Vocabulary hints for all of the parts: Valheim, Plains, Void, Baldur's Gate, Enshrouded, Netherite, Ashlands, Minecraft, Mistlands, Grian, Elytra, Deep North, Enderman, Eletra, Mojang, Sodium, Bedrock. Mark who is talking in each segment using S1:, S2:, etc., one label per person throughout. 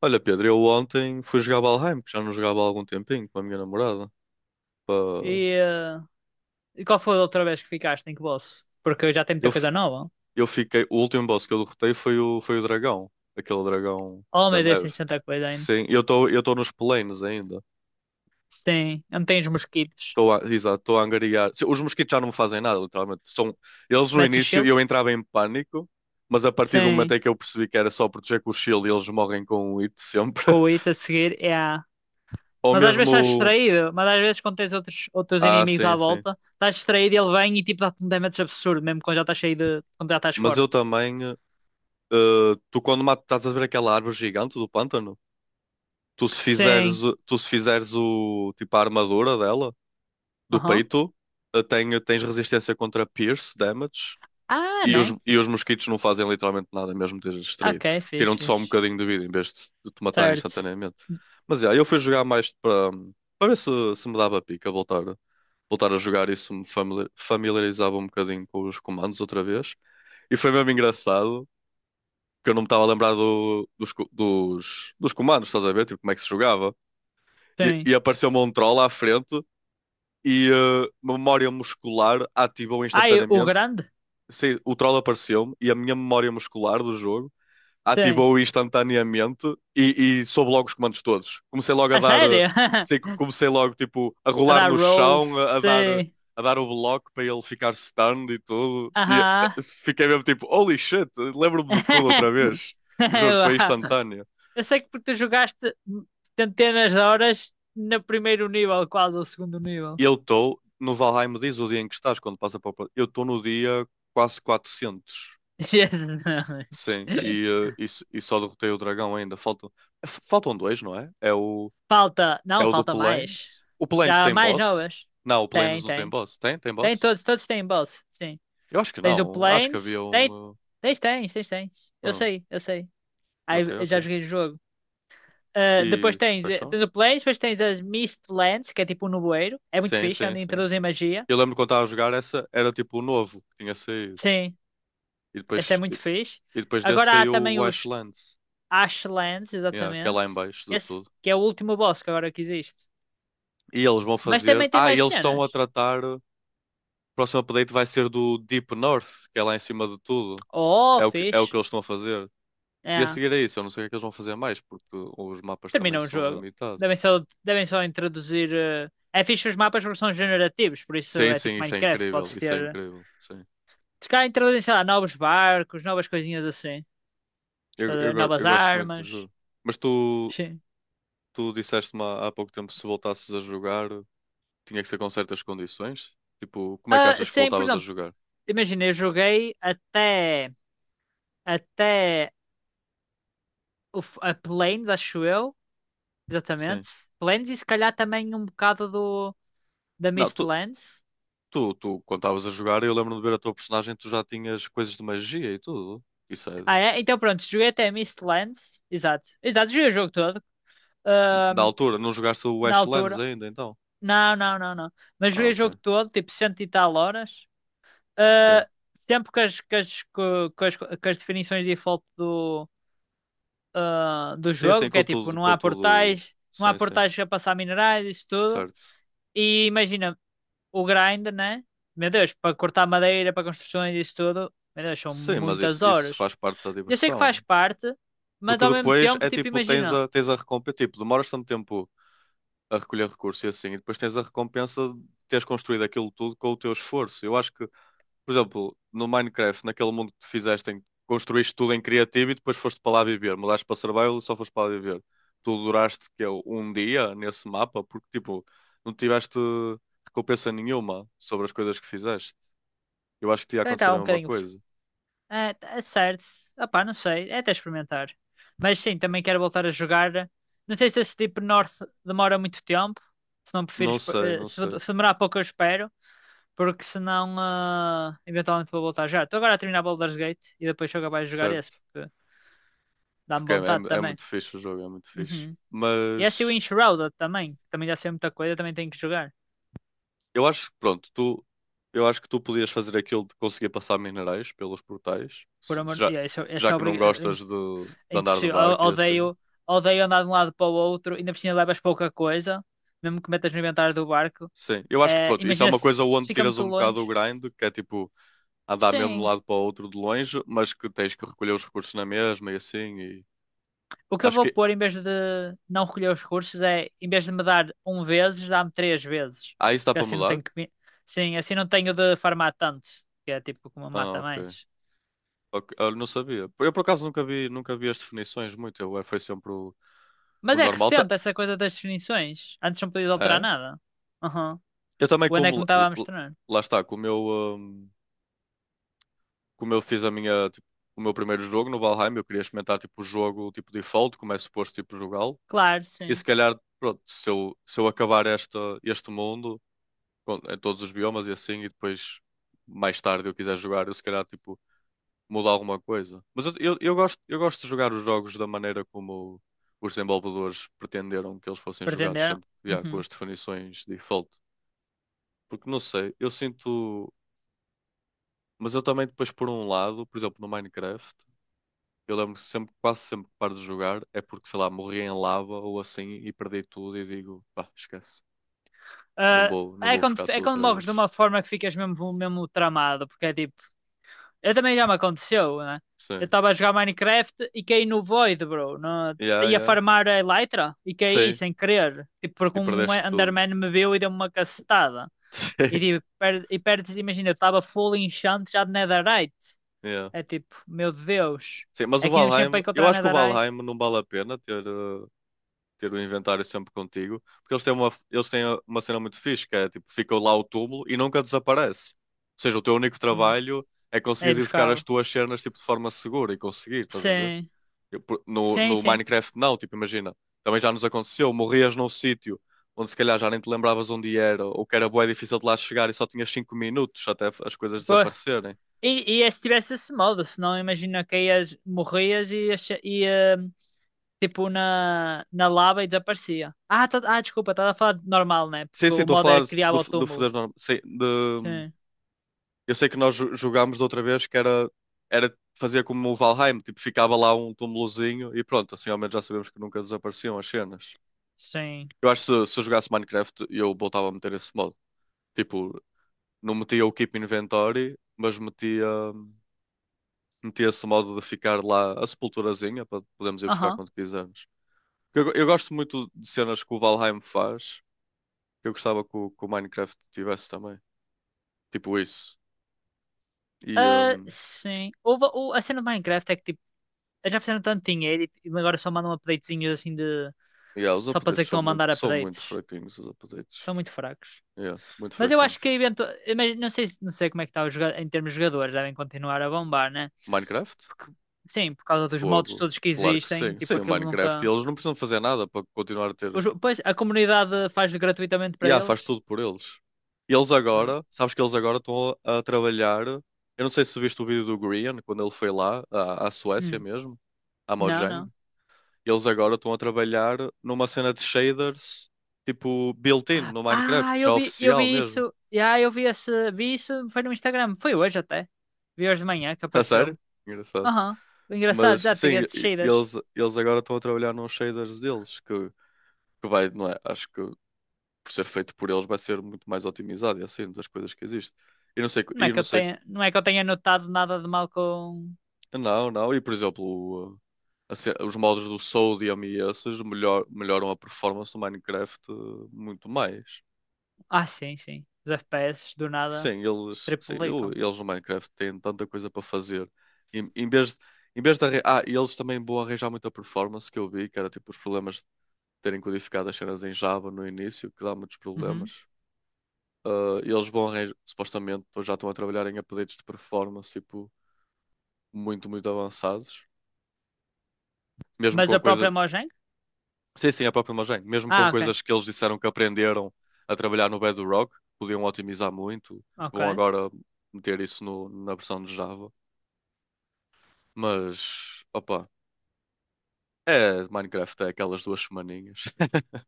S1: Olha, Pedro, eu ontem fui jogar Valheim, que já não jogava há algum tempinho, com a minha namorada. Pá,
S2: E, eh, e qual foi a outra vez que ficaste em que bolso? Porque já tem muita
S1: Eu, fi-
S2: coisa nova.
S1: eu fiquei. O último boss que eu derrotei foi o dragão, aquele dragão
S2: Oh
S1: da
S2: meu Deus,
S1: neve.
S2: tens tanta coisa ainda.
S1: Sim, eu estou nos planes ainda.
S2: Sim, não os mosquitos.
S1: Estou a, exato, estou a angariar. Os mosquitos já não me fazem nada, literalmente. São, eles no
S2: Metes o
S1: início
S2: shield?
S1: eu entrava em pânico, mas a partir do momento
S2: Sim.
S1: em que eu percebi que era só proteger com o shield e eles morrem com o hit sempre.
S2: Com o it a seguir é a.
S1: Ou
S2: Mas às vezes estás
S1: mesmo.
S2: distraído, mas às vezes quando tens outros
S1: Ah,
S2: inimigos à
S1: sim, sim.
S2: volta, estás distraído e ele vem e tipo dá-te um damage absurdo, mesmo quando já estás cheio de, quando já estás
S1: Mas
S2: forte.
S1: eu também. Tu quando matas estás a ver aquela árvore gigante do pântano, tu se fizeres,
S2: Sim.
S1: tu se fizeres o tipo a armadura dela, do
S2: Aham.
S1: peito, tens resistência contra pierce damage
S2: Ah,
S1: e os,
S2: nice.
S1: e os mosquitos não fazem literalmente nada, mesmo que estejas distraído.
S2: Ok, fixe,
S1: Tiram-te só um
S2: fixe.
S1: bocadinho de vida em vez de te matarem
S2: Certo.
S1: instantaneamente. Mas yeah, eu fui jogar mais para ver se, se me dava pica voltar, voltar a jogar e se me familiarizava um bocadinho com os comandos outra vez. E foi mesmo engraçado que eu não me estava a lembrar dos comandos, estás a ver? Tipo, como é que se jogava. E,
S2: Sim.
S1: e apareceu-me um troll à frente e memória muscular ativou
S2: Ai, o
S1: instantaneamente.
S2: grande?
S1: Sei, o troll apareceu-me e a minha memória muscular do jogo
S2: Sim.
S1: ativou instantaneamente e soube logo os comandos todos. Comecei logo a
S2: A
S1: dar. eh,
S2: sério?
S1: sei que comecei logo, tipo, a
S2: A
S1: rolar
S2: dar
S1: no chão,
S2: rolls?
S1: a dar.
S2: Sim.
S1: A dar o bloco para ele ficar stunned e tudo. E
S2: Aham.
S1: fiquei mesmo tipo, holy shit, lembro-me de tudo outra vez. Juro, foi
S2: Vá.
S1: instantâneo.
S2: Eu sei que porque tu jogaste centenas de horas no primeiro nível, quase o segundo nível.
S1: Eu estou, no Valheim diz o dia em que estás, quando passa para o Eu estou no dia quase 400.
S2: Jesus.
S1: Sim, e só derrotei o dragão ainda. Faltam dois, não é? É o,
S2: Falta,
S1: é
S2: não,
S1: o do
S2: falta mais.
S1: Planes. O Planes
S2: Já há
S1: tem
S2: mais
S1: boss?
S2: novas.
S1: Não, o Planes
S2: Tem,
S1: não tem
S2: tem.
S1: boss. Tem? Tem
S2: Tem
S1: boss?
S2: todos, todos têm boss, sim.
S1: Eu acho que
S2: Tens o
S1: não. Acho que havia
S2: Planes, tem,
S1: um.
S2: tens.
S1: eh,
S2: Eu
S1: hum,
S2: sei, eu sei.
S1: ok,
S2: Aí eu já
S1: ok.
S2: joguei o jogo. Ah, depois
S1: E.
S2: tens,
S1: Paixão?
S2: tens o Planes, depois tens as Mistlands, que é tipo um nevoeiro. É muito
S1: Sim,
S2: fixe, é
S1: sim,
S2: onde
S1: sim.
S2: introduzem magia.
S1: Eu lembro quando estava a jogar, essa era tipo o novo que tinha saído.
S2: Sim.
S1: E
S2: Esse é
S1: depois, e,
S2: muito fixe.
S1: e depois, desse
S2: Agora há
S1: saiu
S2: também
S1: o
S2: os
S1: Ashlands,
S2: Ashlands,
S1: yeah, que é lá em
S2: exatamente.
S1: baixo de
S2: Esse
S1: tudo.
S2: que é o último boss que agora que existe.
S1: E eles vão
S2: Mas
S1: fazer.
S2: também tem
S1: Ah, e
S2: mais
S1: eles estão
S2: cenas.
S1: a tratar. O próximo update vai ser do Deep North, que é lá em cima de tudo.
S2: Oh,
S1: É o que
S2: fixe.
S1: eles estão a fazer. E a
S2: É.
S1: seguir é isso. Eu não sei o que é que eles vão fazer mais, porque os mapas também
S2: Terminou o
S1: são
S2: jogo.
S1: limitados.
S2: Devem só introduzir, é fixe os mapas porque são generativos, por isso
S1: Sim,
S2: é
S1: sim,
S2: tipo
S1: isso é
S2: Minecraft,
S1: incrível.
S2: podes
S1: Isso é
S2: ter.
S1: incrível. Sim.
S2: Se calhar introduzem, sei lá, novos barcos, novas coisinhas assim.
S1: Eu,
S2: Estás a
S1: eu,
S2: ver?
S1: go-
S2: Novas
S1: eu gosto muito do
S2: armas.
S1: jogo. Mas tu,
S2: Sim.
S1: tu disseste-me há pouco tempo se voltasses a jogar, tinha que ser com certas condições. Tipo, como é que
S2: Ah,
S1: achas que
S2: sim, por
S1: voltavas a
S2: exemplo,
S1: jogar?
S2: imagina, eu joguei até, até o, a Plains, acho eu.
S1: Sim.
S2: Exatamente. Lands e se calhar também um bocado do, da
S1: Não, tu,
S2: Mistlands.
S1: Tu, tu, Quando estavas a jogar, eu lembro-me de ver a tua personagem, tu já tinhas coisas de magia e tudo. Isso é.
S2: Ah, é? Então pronto, joguei até Mistlands. Exato. Exato, joguei o jogo todo.
S1: Na
S2: Ahm,
S1: altura, não jogaste o
S2: na
S1: Ashlands
S2: altura.
S1: ainda, então?
S2: Não, não, não, não. Mas
S1: Ah,
S2: joguei o
S1: ok.
S2: jogo todo, tipo cento e tal horas.
S1: Sim.
S2: Ah, sempre com as, com as, com as, com as definições de default do, ah, do
S1: Sim, sim,
S2: jogo, que
S1: com
S2: é tipo,
S1: tudo,
S2: não
S1: com
S2: há
S1: tudo.
S2: portais, não há
S1: Sim, sim.
S2: portais a passar minerais, isso tudo.
S1: Certo.
S2: E imagina, o grind, né? Meu Deus, para cortar madeira, para construções e isso tudo, meu Deus, são
S1: Sim, mas isso,
S2: muitas
S1: isso
S2: horas.
S1: faz parte da
S2: Eu sei que
S1: diversão.
S2: faz parte, mas
S1: Porque
S2: ao mesmo
S1: depois
S2: tempo,
S1: é
S2: tipo,
S1: tipo, tens
S2: imagina,
S1: a, tens a recompensa. Tipo, demoras tanto tempo a recolher recursos e assim, e depois tens a recompensa de teres construído aquilo tudo com o teu esforço. Eu acho que por exemplo, no Minecraft, naquele mundo que tu fizeste, que construíste tudo em criativo e depois foste para lá viver. Mudaste para survival e só foste para lá viver. Tu duraste que é um dia nesse mapa porque tipo, não tiveste recompensa nenhuma sobre as coisas que fizeste. Eu acho que te ia
S2: também
S1: acontecer
S2: está
S1: a
S2: um
S1: mesma
S2: bocadinho.
S1: coisa.
S2: É, é certo, opá, não sei, é até experimentar. Mas
S1: Se
S2: sim,
S1: ca-
S2: também quero voltar a jogar. Não sei se esse tipo North demora muito tempo, se não prefiro,
S1: Não sei, não
S2: se
S1: sei,
S2: se demorar pouco eu espero, porque senão, ah, eventualmente vou voltar já. Estou agora a terminar Baldur's Gate e depois sou capaz de jogar esse,
S1: certo?
S2: porque dá-me
S1: Porque é, é,
S2: vontade
S1: é
S2: também.
S1: muito fixe o jogo, é muito fixe.
S2: Uhum. E esse é assim o
S1: Mas
S2: Enshrouded também, que também já sei muita coisa, também tenho que jogar.
S1: eu acho que, pronto, tu, eu acho que tu podias fazer aquilo de conseguir passar minerais pelos portais,
S2: Por
S1: se
S2: amor,
S1: já,
S2: e é, esse,
S1: já
S2: esse é,
S1: que não
S2: obrig... é
S1: gostas de,
S2: é
S1: de andar de
S2: impossível.
S1: barco e assim.
S2: Odeio, odeio andar de um lado para o outro, ainda por cima levas pouca coisa, mesmo que metas no inventário do barco.
S1: Sim, eu acho que,
S2: Eh,
S1: pronto, isso é
S2: imagina
S1: uma coisa
S2: se, se
S1: onde
S2: fica
S1: tiras
S2: muito
S1: um bocado o
S2: longe.
S1: grind, que é tipo andar mesmo de um
S2: Sim,
S1: lado para o outro de longe, mas que tens que recolher os recursos na mesma e assim. E
S2: o que eu
S1: acho
S2: vou
S1: que.
S2: pôr em vez de não recolher os recursos é, em vez de me dar um vezes, dá-me três vezes.
S1: Ah, isso dá
S2: Porque
S1: para
S2: assim não
S1: mudar?
S2: tenho que, sim, assim não tenho de farmar tanto, que é tipo como
S1: Ah,
S2: mata
S1: ok.
S2: mais.
S1: Ok, eu não sabia. Eu por acaso nunca vi, nunca vi as definições muito, foi sempre o
S2: Mas é
S1: normal.
S2: recente essa coisa das definições. Antes não podia alterar
S1: É?
S2: nada. Aham.
S1: Eu também,
S2: O André que me
S1: como.
S2: estava a mostrar.
S1: Lá está, com o meu. hum, Como eu fiz a minha, tipo, o meu primeiro jogo no Valheim, eu queria experimentar tipo o jogo tipo default, como é suposto tipo jogá-lo.
S2: Claro,
S1: E se
S2: sim.
S1: calhar, pronto, se eu acabar esta, este mundo em todos os biomas e assim, e depois mais tarde eu quiser jogar, eu se calhar tipo mudar alguma coisa. Mas eu gosto de jogar os jogos da maneira como os desenvolvedores pretenderam que eles fossem jogados,
S2: Pretenderam.
S1: sempre yeah, com
S2: Uhum.
S1: as definições default. Porque não sei, eu sinto. Mas eu também depois por um lado, por exemplo, no Minecraft. Eu lembro que sempre, quase sempre que paro de jogar é porque, sei lá, morri em lava ou assim e perdi tudo e digo, pá, esquece. Não vou, não
S2: Ah,
S1: vou buscar
S2: é
S1: tudo
S2: quando
S1: outra
S2: morres de
S1: vez.
S2: uma forma que ficas mesmo, mesmo tramado. Porque é tipo. Eu também já me aconteceu, né? Eu
S1: Sim.
S2: estava a jogar Minecraft e caí no Void, bro. No,
S1: Yeah,
S2: ia
S1: yeah.
S2: farmar a Elytra e caí
S1: Sim.
S2: sem querer. Tipo, porque
S1: E
S2: um
S1: perdeste tudo.
S2: Enderman me viu e deu-me uma cacetada. E
S1: Sim.
S2: tipo, e perdes, imagina, eu estava full enchant já de Netherite.
S1: Yeah.
S2: É tipo, meu Deus.
S1: Sim, mas o
S2: Aqui ainda me sempre para
S1: Valheim, eu
S2: encontrar
S1: acho que o Valheim
S2: Netherite.
S1: não vale a pena ter, ter o inventário sempre contigo, porque eles têm uma cena muito fixe, que é tipo, fica lá o túmulo e nunca desaparece. Ou seja, o teu único
S2: Hum.
S1: trabalho é
S2: É ir
S1: conseguires ir buscar as
S2: buscá-lo.
S1: tuas cenas tipo, de forma segura e conseguir, estás a ver?
S2: Sim.
S1: Eu, por- No,
S2: Sim,
S1: no
S2: sim.
S1: Minecraft, não, tipo, imagina. Também já nos aconteceu, morrias num sítio onde se calhar já nem te lembravas onde era, ou que era bué difícil de lá chegar e só tinhas 5 minutos até as coisas
S2: Pô.
S1: desaparecerem.
S2: E é se tivesse esse modo, senão imagina que ias, morrias e ias, ia, tipo na, na lava e desaparecia. Ah, ah desculpa, estava a falar de normal, né? Porque
S1: Sim, sim,
S2: o
S1: estou a
S2: modo
S1: falar
S2: era criar
S1: do,
S2: o
S1: do
S2: túmulo.
S1: foder normal. Sim,
S2: Sim,
S1: eu sei que nós jogámos da outra vez que era, era fazer como o Valheim, tipo, ficava lá um túmulozinho e pronto, assim ao menos já sabemos que nunca desapareciam as cenas.
S2: sim.
S1: Eu acho que se eu jogasse Minecraft, eu voltava a meter esse modo. Tipo, não metia o Keep Inventory, mas metia. Metia-se o modo de ficar lá a sepulturazinha para podermos ir buscar
S2: Aham.
S1: quando quisermos. Porque eu gosto muito de cenas que o Valheim faz, que eu gostava que o, Minecraft tivesse também. Tipo isso. E,
S2: Ah, sim. A cena do Minecraft é que tipo, eles já fizeram tanto dinheiro e agora só mandam updatezinhos assim de.
S1: yeah, os
S2: Só para dizer
S1: updates
S2: que
S1: são
S2: estão a
S1: muito,
S2: mandar
S1: são muito
S2: updates.
S1: fraquinhos, os updates.
S2: São muito fracos.
S1: Yeah, muito
S2: Mas eu acho que
S1: fraquinhos.
S2: eventu... mas não sei, não sei como é que está o em termos de jogadores, devem continuar a bombar, né?
S1: Minecraft?
S2: Porque, sim, por causa dos modos
S1: Fogo.
S2: todos que
S1: Claro que
S2: existem,
S1: sim.
S2: tipo,
S1: Sim, o
S2: aquilo
S1: Minecraft. E
S2: nunca.
S1: eles não precisam fazer nada para continuar a ter
S2: Os... Pois a comunidade faz gratuitamente
S1: e
S2: para
S1: yeah,
S2: eles?
S1: faz tudo por eles. E eles
S2: Ah,
S1: agora, sabes que eles agora estão a trabalhar. Eu não sei se viste o vídeo do Grian quando ele foi lá, à Suécia
S2: hum,
S1: mesmo, à
S2: não,
S1: Mojang.
S2: não.
S1: Eles agora estão a trabalhar numa cena de shaders, tipo built-in no Minecraft,
S2: Ah,
S1: já
S2: eu
S1: oficial
S2: vi
S1: mesmo.
S2: isso. Ah, eu vi esse, vi isso, foi no Instagram, foi hoje até. Vi hoje de manhã que
S1: A
S2: apareceu-me.
S1: sério? Engraçado.
S2: Aham. Engraçado,
S1: Mas
S2: já tinha
S1: sim, e-
S2: descidas.
S1: eles, eles agora estão a trabalhar nos shaders deles, que vai, não é? Acho que por ser feito por eles vai ser muito mais otimizado e assim, das coisas que existe. E não sei,
S2: Não é
S1: e
S2: que
S1: não
S2: eu
S1: sei.
S2: tenha, não é que eu tenha notado nada de mal com.
S1: Não, não. E por exemplo, o, os modos do Sodium e esses melhoram a performance do Minecraft muito mais.
S2: Ah, sim, sim. Os FPS do nada
S1: Sim, eles, sim,
S2: triplicam.
S1: eles no Minecraft têm tanta coisa para fazer. Em, em vez, de- em vez de arran-. Ah, e eles também vão arranjar muita performance que eu vi, que era tipo os problemas de terem codificado as cenas em Java no início, que dá muitos problemas.
S2: Uhum.
S1: Ah, e eles vão arranjar, supostamente, já estão a trabalhar em updates de performance tipo, muito, muito avançados mesmo
S2: Mas
S1: com
S2: a
S1: coisas.
S2: própria Mojang?
S1: Sim, sim, a própria imagem. Mesmo com
S2: Ah, ok.
S1: coisas que eles disseram que aprenderam a trabalhar no Bedrock, podiam otimizar muito.
S2: Ok.
S1: Vão agora meter isso na versão de Java. Mas, opa, é Minecraft, é aquelas duas semaninhas.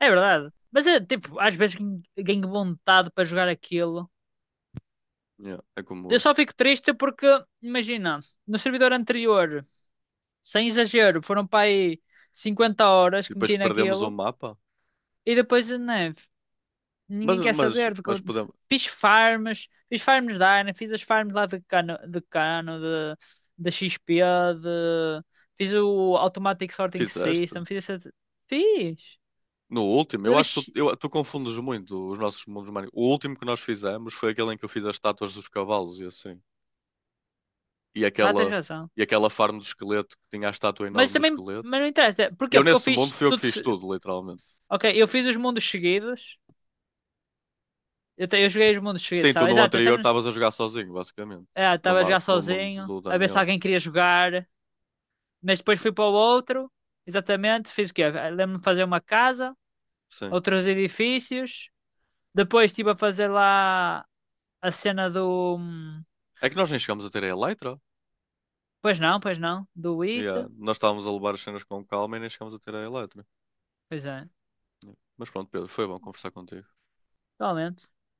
S2: É verdade. Mas é tipo, às vezes ganho vontade para jogar aquilo.
S1: Yeah, é
S2: Eu
S1: como.
S2: só fico triste porque, imagina, no servidor anterior, sem exagero, foram para aí 50 horas
S1: E
S2: que
S1: depois
S2: meti
S1: perdemos o
S2: naquilo
S1: mapa.
S2: e depois, né,
S1: Mas,
S2: ninguém quer
S1: mas,
S2: saber do que eu...
S1: mas podemos.
S2: Fiz farms da Ana, fiz as farms lá de cano, de cano, de XP, de... Fiz o Automatic Sorting
S1: Fizeste?
S2: System, fiz essa... Fiz.
S1: No último, eu acho que tu confundes muito os nossos mundos. Minecraft. O último que nós fizemos foi aquele em que eu fiz as estátuas dos cavalos e assim. E
S2: Ah, tens
S1: aquela,
S2: razão.
S1: e aquela farm do esqueleto que tinha a estátua
S2: Mas
S1: enorme do
S2: também, mas
S1: esqueleto.
S2: não interessa.
S1: E
S2: Porquê?
S1: eu
S2: Porque eu
S1: nesse mundo
S2: fiz
S1: fui eu que
S2: tudo.
S1: fiz tudo, literalmente.
S2: Ok, eu fiz os mundos seguidos. Eu, eu joguei os mundos seguidos,
S1: Sim, tu
S2: sabe?
S1: no
S2: Exato, esse
S1: anterior
S2: era...
S1: estavas a jogar sozinho, basicamente.
S2: ah,
S1: No,
S2: estava a
S1: ma-
S2: jogar
S1: no mundo
S2: sozinho,
S1: do
S2: a ver se
S1: Daniel.
S2: alguém queria jogar. Mas depois fui para o outro. Exatamente, fiz o quê? Ah, lembro-me de fazer uma casa,
S1: Sim.
S2: outros edifícios. Depois estive a fazer lá a cena do.
S1: É que nós nem chegámos a ter a Eletra.
S2: Pois não, pois não. Do IT.
S1: Yeah. Nós estávamos a levar as cenas com calma e nem chegámos a ter a Eletra.
S2: Pois é,
S1: Yeah. Mas pronto, Pedro, foi bom conversar contigo.
S2: realmente.